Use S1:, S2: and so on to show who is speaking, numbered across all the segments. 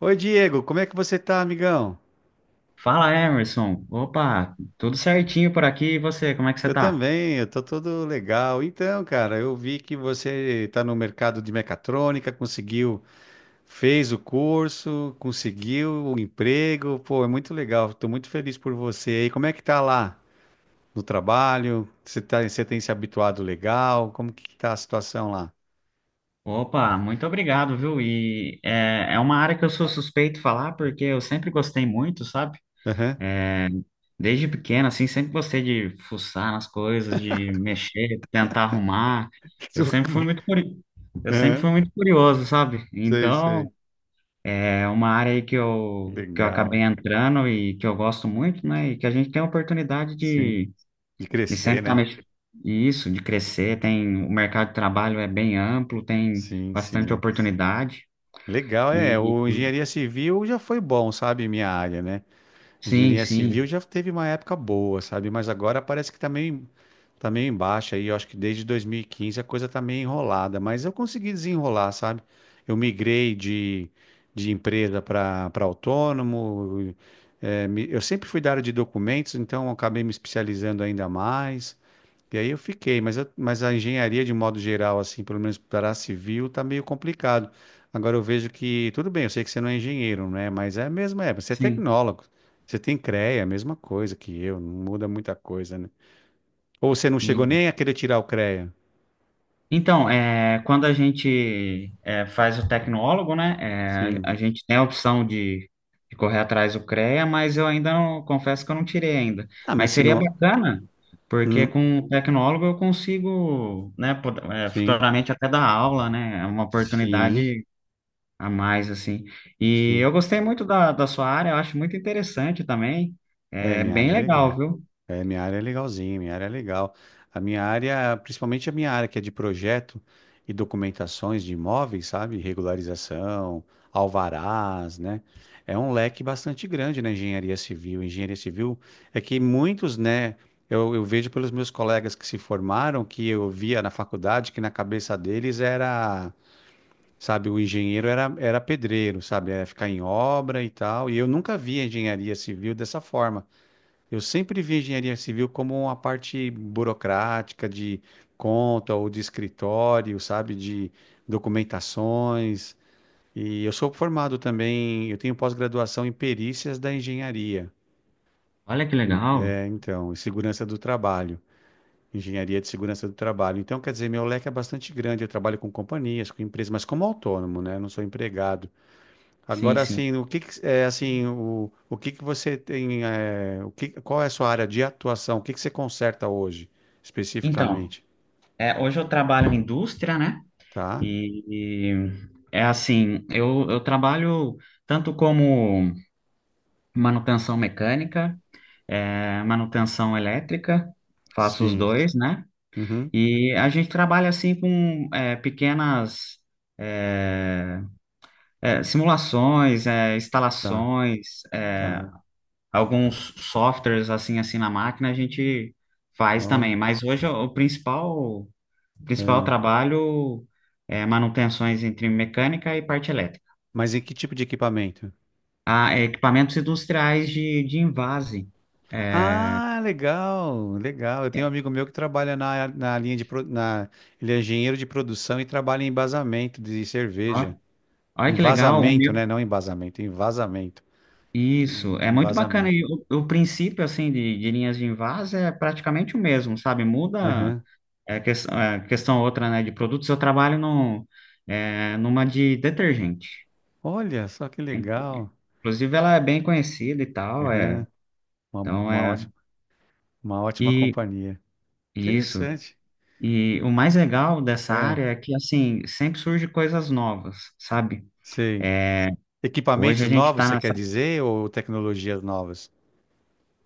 S1: Oi, Diego, como é que você tá, amigão?
S2: Fala, Emerson. Opa, tudo certinho por aqui. E você, como é que você
S1: Eu
S2: tá?
S1: também, eu tô todo legal. Então, cara, eu vi que você tá no mercado de mecatrônica, conseguiu, fez o curso, conseguiu o emprego. Pô, é muito legal. Tô muito feliz por você. E como é que tá lá no trabalho? Você tem se habituado legal? Como que tá a situação lá?
S2: Opa, muito obrigado, viu? É uma área que eu sou suspeito falar, porque eu sempre gostei muito, sabe?
S1: Aham.
S2: Desde pequeno, assim, sempre gostei de fuçar nas coisas, de mexer, tentar arrumar. Eu
S1: Tô
S2: sempre fui
S1: com-
S2: muito curi... eu sempre
S1: Aham.
S2: fui muito curioso, sabe?
S1: Sei,
S2: Então,
S1: sei.
S2: é uma área aí que eu acabei
S1: Legal.
S2: entrando e que eu gosto muito, né? E que a gente tem a oportunidade
S1: Sim. De
S2: e
S1: crescer,
S2: sempre tá
S1: né?
S2: mexendo. Isso, de crescer, tem o mercado de trabalho é bem amplo, tem
S1: Sim,
S2: bastante
S1: sim.
S2: oportunidade.
S1: Legal, é.
S2: E
S1: O
S2: e-
S1: engenharia civil já foi bom, sabe? Minha área, né?
S2: sim,
S1: Engenharia civil
S2: sim,
S1: já teve uma época boa, sabe? Mas agora parece que também tá em baixa aí. Eu acho que desde 2015 a coisa tá meio enrolada, mas eu consegui desenrolar, sabe? Eu migrei de empresa para autônomo. Eu sempre fui da área de documentos, então eu acabei me especializando ainda mais. E aí eu fiquei, mas a engenharia de modo geral, assim, pelo menos para a civil, tá meio complicado. Agora eu vejo que, tudo bem, eu sei que você não é engenheiro, né? Mas é mesmo, você é
S2: sim.
S1: tecnólogo. Você tem CREA, a mesma coisa que eu, não muda muita coisa, né? Ou você não chegou
S2: E,
S1: nem a querer tirar o CREA?
S2: então, quando a gente faz o tecnólogo, né?
S1: Sim.
S2: A gente tem a opção de correr atrás do CREA, mas eu ainda não, confesso que eu não tirei ainda.
S1: Ah, mas
S2: Mas
S1: se
S2: seria
S1: não.
S2: bacana, porque
S1: Hum,
S2: com o tecnólogo eu consigo, né,
S1: sim,
S2: futuramente até dar aula, né? É uma
S1: sim,
S2: oportunidade a mais, assim. E
S1: sim.
S2: eu gostei muito da sua área, eu acho muito interessante também.
S1: É,
S2: É
S1: minha
S2: bem
S1: área, é
S2: legal,
S1: legal.
S2: viu?
S1: É, minha área é legalzinha, minha área é legal. A minha área, principalmente a minha área que é de projeto e documentações de imóveis, sabe? Regularização, alvarás, né? É um leque bastante grande na engenharia civil. Engenharia civil é que muitos, né? Eu vejo pelos meus colegas que se formaram, que eu via na faculdade, que na cabeça deles era, sabe, o engenheiro era pedreiro, sabe? Era ficar em obra e tal. E eu nunca vi a engenharia civil dessa forma. Eu sempre vi a engenharia civil como uma parte burocrática de conta ou de escritório, sabe, de documentações. E eu sou formado também, eu tenho pós-graduação em perícias da engenharia,
S2: Olha que legal.
S1: então, e segurança do trabalho, engenharia de segurança do trabalho. Então, quer dizer, meu leque é bastante grande. Eu trabalho com companhias, com empresas, mas como autônomo, né? Eu não sou empregado.
S2: Sim,
S1: Agora,
S2: sim.
S1: assim, é assim, o que que você tem, qual é a sua área de atuação? O que que você conserta hoje,
S2: Então,
S1: especificamente?
S2: hoje eu trabalho em indústria, né?
S1: Tá?
S2: E, e É assim, eu trabalho tanto como manutenção mecânica, manutenção elétrica, faço os
S1: Sim.
S2: dois, né?
S1: Uhum.
S2: E a gente trabalha assim com pequenas. é, Simulações,
S1: Tá,
S2: instalações,
S1: tá.
S2: alguns softwares assim na máquina a gente faz também.
S1: Olha.
S2: Mas hoje o principal
S1: É.
S2: trabalho é manutenções entre mecânica e parte elétrica.
S1: Mas em que tipo de equipamento?
S2: Ah, é, equipamentos industriais de envase.
S1: Ah, legal, legal. Eu tenho um amigo meu que trabalha na linha, ele é engenheiro de produção e trabalha em embasamento de cerveja.
S2: Ó- Olha
S1: Em
S2: que legal, o
S1: vazamento,
S2: meu.
S1: né? Não em embasamento, em vazamento. Em,
S2: Isso, é
S1: em
S2: muito bacana.
S1: vazamento.
S2: E o princípio, assim, de linhas de invase é praticamente o mesmo, sabe? Muda.
S1: Uhum.
S2: É questão outra, né, de produtos, eu trabalho no, é, numa de detergente.
S1: Olha só que legal.
S2: Inclusive, ela é bem conhecida e tal,
S1: Aham. Uma,
S2: então
S1: uma
S2: é...
S1: ótima, uma ótima
S2: E
S1: companhia.
S2: isso,
S1: Interessante.
S2: e o mais legal dessa
S1: É,
S2: área é que, assim, sempre surge coisas novas, sabe?
S1: sei.
S2: É, hoje
S1: Equipamentos
S2: a gente
S1: novos,
S2: está
S1: você quer
S2: nessa
S1: dizer, ou tecnologias novas?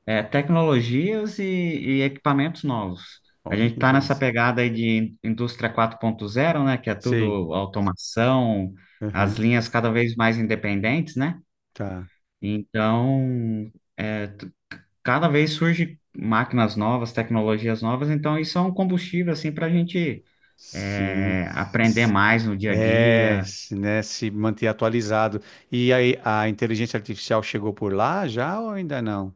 S2: tecnologias e equipamentos novos. A
S1: Olha
S2: gente
S1: que
S2: está nessa
S1: interessante.
S2: pegada aí de indústria quatro ponto zero, né, que é tudo
S1: Sei.
S2: automação, as
S1: Aham.
S2: linhas cada vez mais independentes, né?
S1: Tá.
S2: Então, é, t- cada vez surge máquinas novas, tecnologias novas, então isso é um combustível assim para a gente
S1: Sim.
S2: aprender
S1: S-
S2: mais no dia a
S1: É,
S2: dia.
S1: se, né, se manter atualizado. E aí, a inteligência artificial chegou por lá já ou ainda não?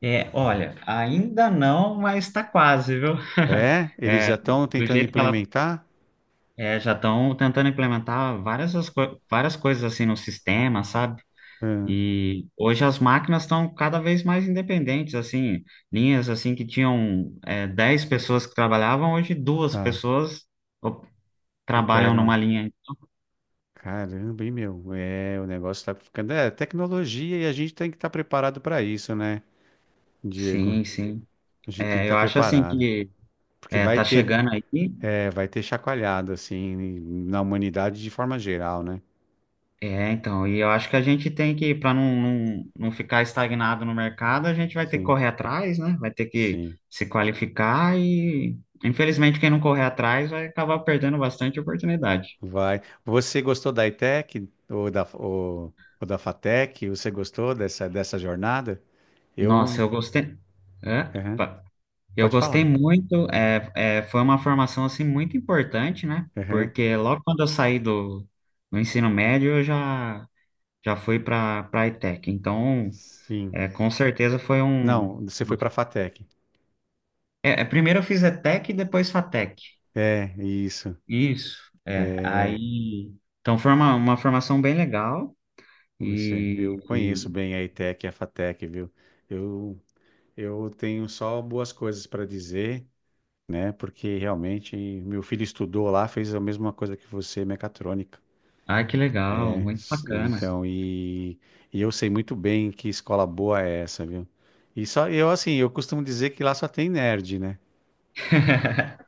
S2: É, olha, ainda não, mas está quase, viu?
S1: É? Eles
S2: É,
S1: já estão
S2: do
S1: tentando
S2: jeito que ela
S1: implementar?
S2: é, já estão tentando implementar várias, várias coisas assim no sistema, sabe?
S1: Ah,
S2: E hoje as máquinas estão cada vez mais independentes, assim, linhas assim que tinham 10 pessoas que trabalhavam, hoje duas
S1: tá.
S2: pessoas o- trabalham numa
S1: Operam.
S2: linha.
S1: Caramba, hein, meu? É, o negócio tá ficando. É, tecnologia e a gente tem que estar preparado para isso, né, Diego?
S2: Sim, sim.
S1: A gente tem que
S2: É,
S1: estar
S2: eu acho assim
S1: preparado.
S2: que
S1: Porque vai
S2: tá
S1: ter,
S2: chegando aí.
S1: é, vai ter chacoalhado, assim, na humanidade de forma geral, né?
S2: É, então, e eu acho que a gente tem que, para não ficar estagnado no mercado, a gente vai ter que
S1: Sim,
S2: correr atrás, né? Vai ter que
S1: sim.
S2: se qualificar e, infelizmente, quem não correr atrás vai acabar perdendo bastante oportunidade.
S1: Vai. Você gostou da ITEC ou da FATEC? Você gostou dessa jornada?
S2: Nossa,
S1: Eu.
S2: eu gostei. É?
S1: Aham.
S2: Eu
S1: Pode
S2: gostei
S1: falar.
S2: muito, foi uma formação assim muito importante, né?
S1: Aham.
S2: Porque logo quando eu saí do ensino médio, já fui para a ETEC. Então,
S1: Sim.
S2: é, com certeza foi um.
S1: Não, você foi para a FATEC.
S2: É, é, primeiro eu fiz ETEC e depois FATEC.
S1: É, isso.
S2: Isso, é.
S1: É.
S2: Aí. Então, foi uma formação bem legal.
S1: Puxa, eu conheço
S2: E.
S1: bem a ETEC e a FATEC, viu? Eu, eu tenho só boas coisas para dizer, né? Porque realmente meu filho estudou lá, fez a mesma coisa que você, mecatrônica,
S2: Ai, que legal,
S1: né?
S2: muito bacana.
S1: Então, e eu sei muito bem que escola boa é essa, viu? E só eu, assim, eu costumo dizer que lá só tem nerd, né?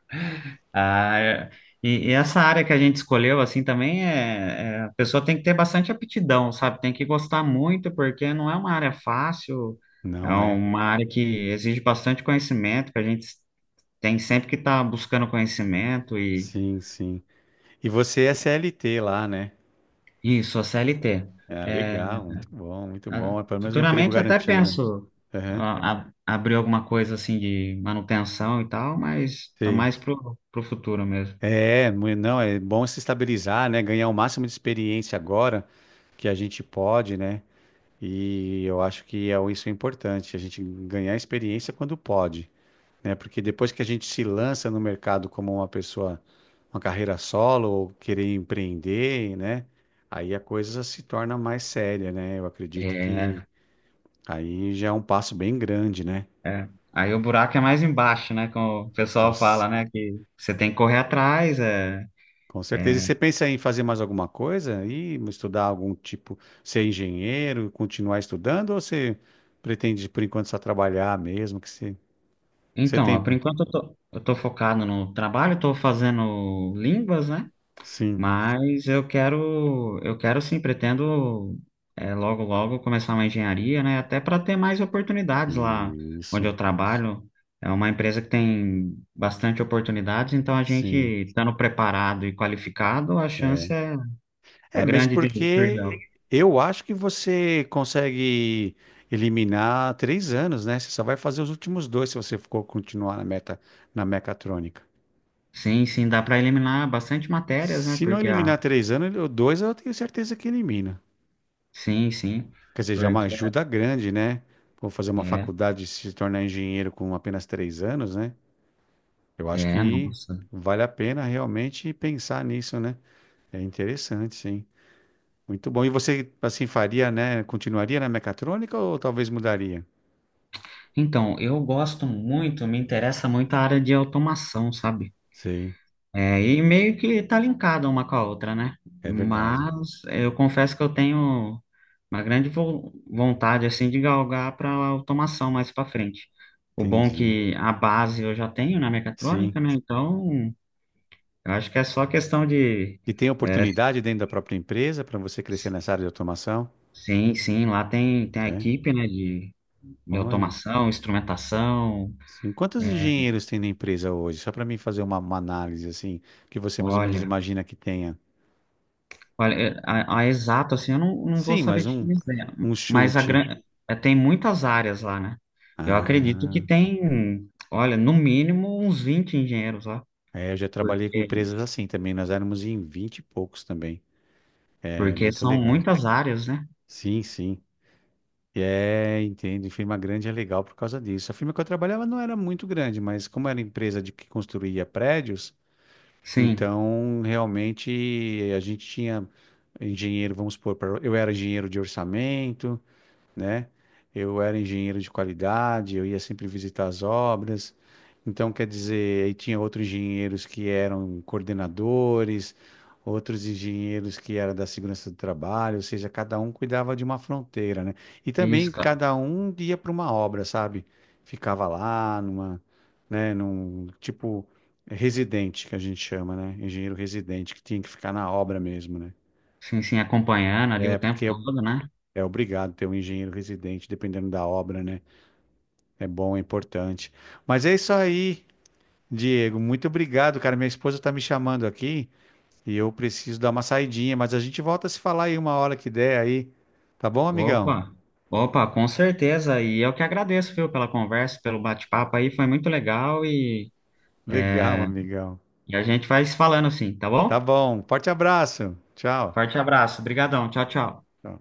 S2: Ah, é- e, e essa área que a gente escolheu, assim, também a pessoa tem que ter bastante aptidão, sabe? Tem que gostar muito, porque não é uma área fácil, é
S1: Não, né?
S2: uma área que exige bastante conhecimento, que a gente tem sempre que estar buscando conhecimento e
S1: Sim, sim. E você é CLT lá, né?
S2: isso, a CLT.
S1: Ah,
S2: É,
S1: legal, muito bom, muito
S2: a-
S1: bom. É pelo menos um emprego
S2: futuramente até
S1: garantido.
S2: penso
S1: Aham.
S2: abrir alguma coisa assim de manutenção e tal, mas tá
S1: Sim.
S2: mais pro futuro mesmo.
S1: É, não, é bom se estabilizar, né? Ganhar o máximo de experiência agora que a gente pode, né? E eu acho que isso é importante, a gente ganhar experiência quando pode, né? Porque depois que a gente se lança no mercado como uma pessoa, uma carreira solo ou querer empreender, né? Aí a coisa se torna mais séria, né? Eu acredito que
S2: É,
S1: aí já é um passo bem grande, né?
S2: é. Aí o buraco é mais embaixo, né? Como o pessoal fala, né? Que você tem que correr atrás. É,
S1: Com certeza. E
S2: é.
S1: você pensa em fazer mais alguma coisa, aí estudar algum tipo, ser engenheiro, continuar estudando? Ou você pretende, por enquanto, só trabalhar mesmo? Que você
S2: Então, ó,
S1: tem.
S2: por enquanto eu tô focado no trabalho, tô fazendo línguas, né?
S1: Sim,
S2: Mas eu quero sim, pretendo logo, logo começar uma engenharia, né? Até para ter mais oportunidades lá onde
S1: isso.
S2: eu trabalho. É uma empresa que tem bastante oportunidades, então a gente
S1: Sim.
S2: estando preparado e qualificado, a
S1: É.
S2: chance é, é
S1: É, mesmo
S2: grande de surgir.
S1: porque eu acho que você consegue eliminar 3 anos, né? Você só vai fazer os últimos dois se você for continuar na meta, na mecatrônica.
S2: Sim, sim, dá para eliminar bastante matérias, né?
S1: Se não
S2: Porque a.
S1: eliminar 3 anos, dois eu tenho certeza que elimina.
S2: Sim, sim.
S1: Quer dizer, já é uma
S2: Porque
S1: ajuda grande, né? Vou fazer uma
S2: é,
S1: faculdade e se tornar engenheiro com apenas 3 anos, né? Eu acho que
S2: Nossa.
S1: vale a pena realmente pensar nisso, né? É interessante, sim. Muito bom. E você, assim, faria, né? Continuaria na mecatrônica ou talvez mudaria?
S2: Então, eu gosto muito, me interessa muito a área de automação, sabe?
S1: Sei,
S2: É, e meio que tá linkada uma com a outra, né?
S1: é verdade.
S2: Mas eu confesso que eu tenho uma grande vontade, assim, de galgar para automação mais para frente. O bom é
S1: Entendi.
S2: que a base eu já tenho na mecatrônica,
S1: Sim.
S2: né? Então, eu acho que é só questão de
S1: E tem
S2: é,
S1: oportunidade dentro da própria empresa para você crescer nessa área de automação?
S2: sim, sim, lá tem, tem a
S1: É?
S2: equipe, né, de
S1: Olha.
S2: automação, instrumentação,
S1: Sim. Quantos
S2: é,
S1: engenheiros tem na empresa hoje? Só para mim fazer uma análise assim, que você mais ou menos
S2: olha,
S1: imagina que tenha.
S2: olha, é, a exato, assim, eu não, não vou
S1: Sim,
S2: saber
S1: mas
S2: te
S1: um,
S2: dizer,
S1: um
S2: mas
S1: chute.
S2: tem muitas áreas lá, né, eu acredito que
S1: Ah,
S2: tem, olha, no mínimo uns 20 engenheiros lá,
S1: é, eu já trabalhei com
S2: porque,
S1: empresas assim também. Nós éramos em 20 e poucos também. É
S2: porque
S1: muito
S2: são
S1: legal.
S2: muitas áreas, né,
S1: Sim, sim. E entendo. E firma grande é legal por causa disso. A firma que eu trabalhava não era muito grande, mas como era empresa de que construía prédios,
S2: sim,
S1: então realmente a gente tinha engenheiro, vamos supor, eu era engenheiro de orçamento, né? Eu era engenheiro de qualidade, eu ia sempre visitar as obras. Então, quer dizer, aí tinha outros engenheiros que eram coordenadores, outros engenheiros que eram da segurança do trabalho, ou seja, cada um cuidava de uma fronteira, né? E
S2: isso,
S1: também
S2: cara,
S1: cada um ia para uma obra, sabe? Ficava lá numa, né, num tipo residente que a gente chama, né? Engenheiro residente que tinha que ficar na obra mesmo, né?
S2: sim, sim, acompanhando ali
S1: É,
S2: o tempo
S1: porque é,
S2: todo, né,
S1: é obrigado ter um engenheiro residente dependendo da obra, né? É bom, é importante. Mas é isso aí, Diego. Muito obrigado, cara. Minha esposa está me chamando aqui e eu preciso dar uma saidinha, mas a gente volta a se falar aí uma hora que der aí. Tá bom, amigão?
S2: opa, opa, com certeza. E eu que agradeço, viu, pela conversa, pelo bate-papo aí, foi muito legal e, é,
S1: Legal, amigão.
S2: e a gente vai se falando assim, tá
S1: Tá
S2: bom?
S1: bom. Forte abraço. Tchau.
S2: Forte abraço, brigadão, tchau, tchau.
S1: Tchau.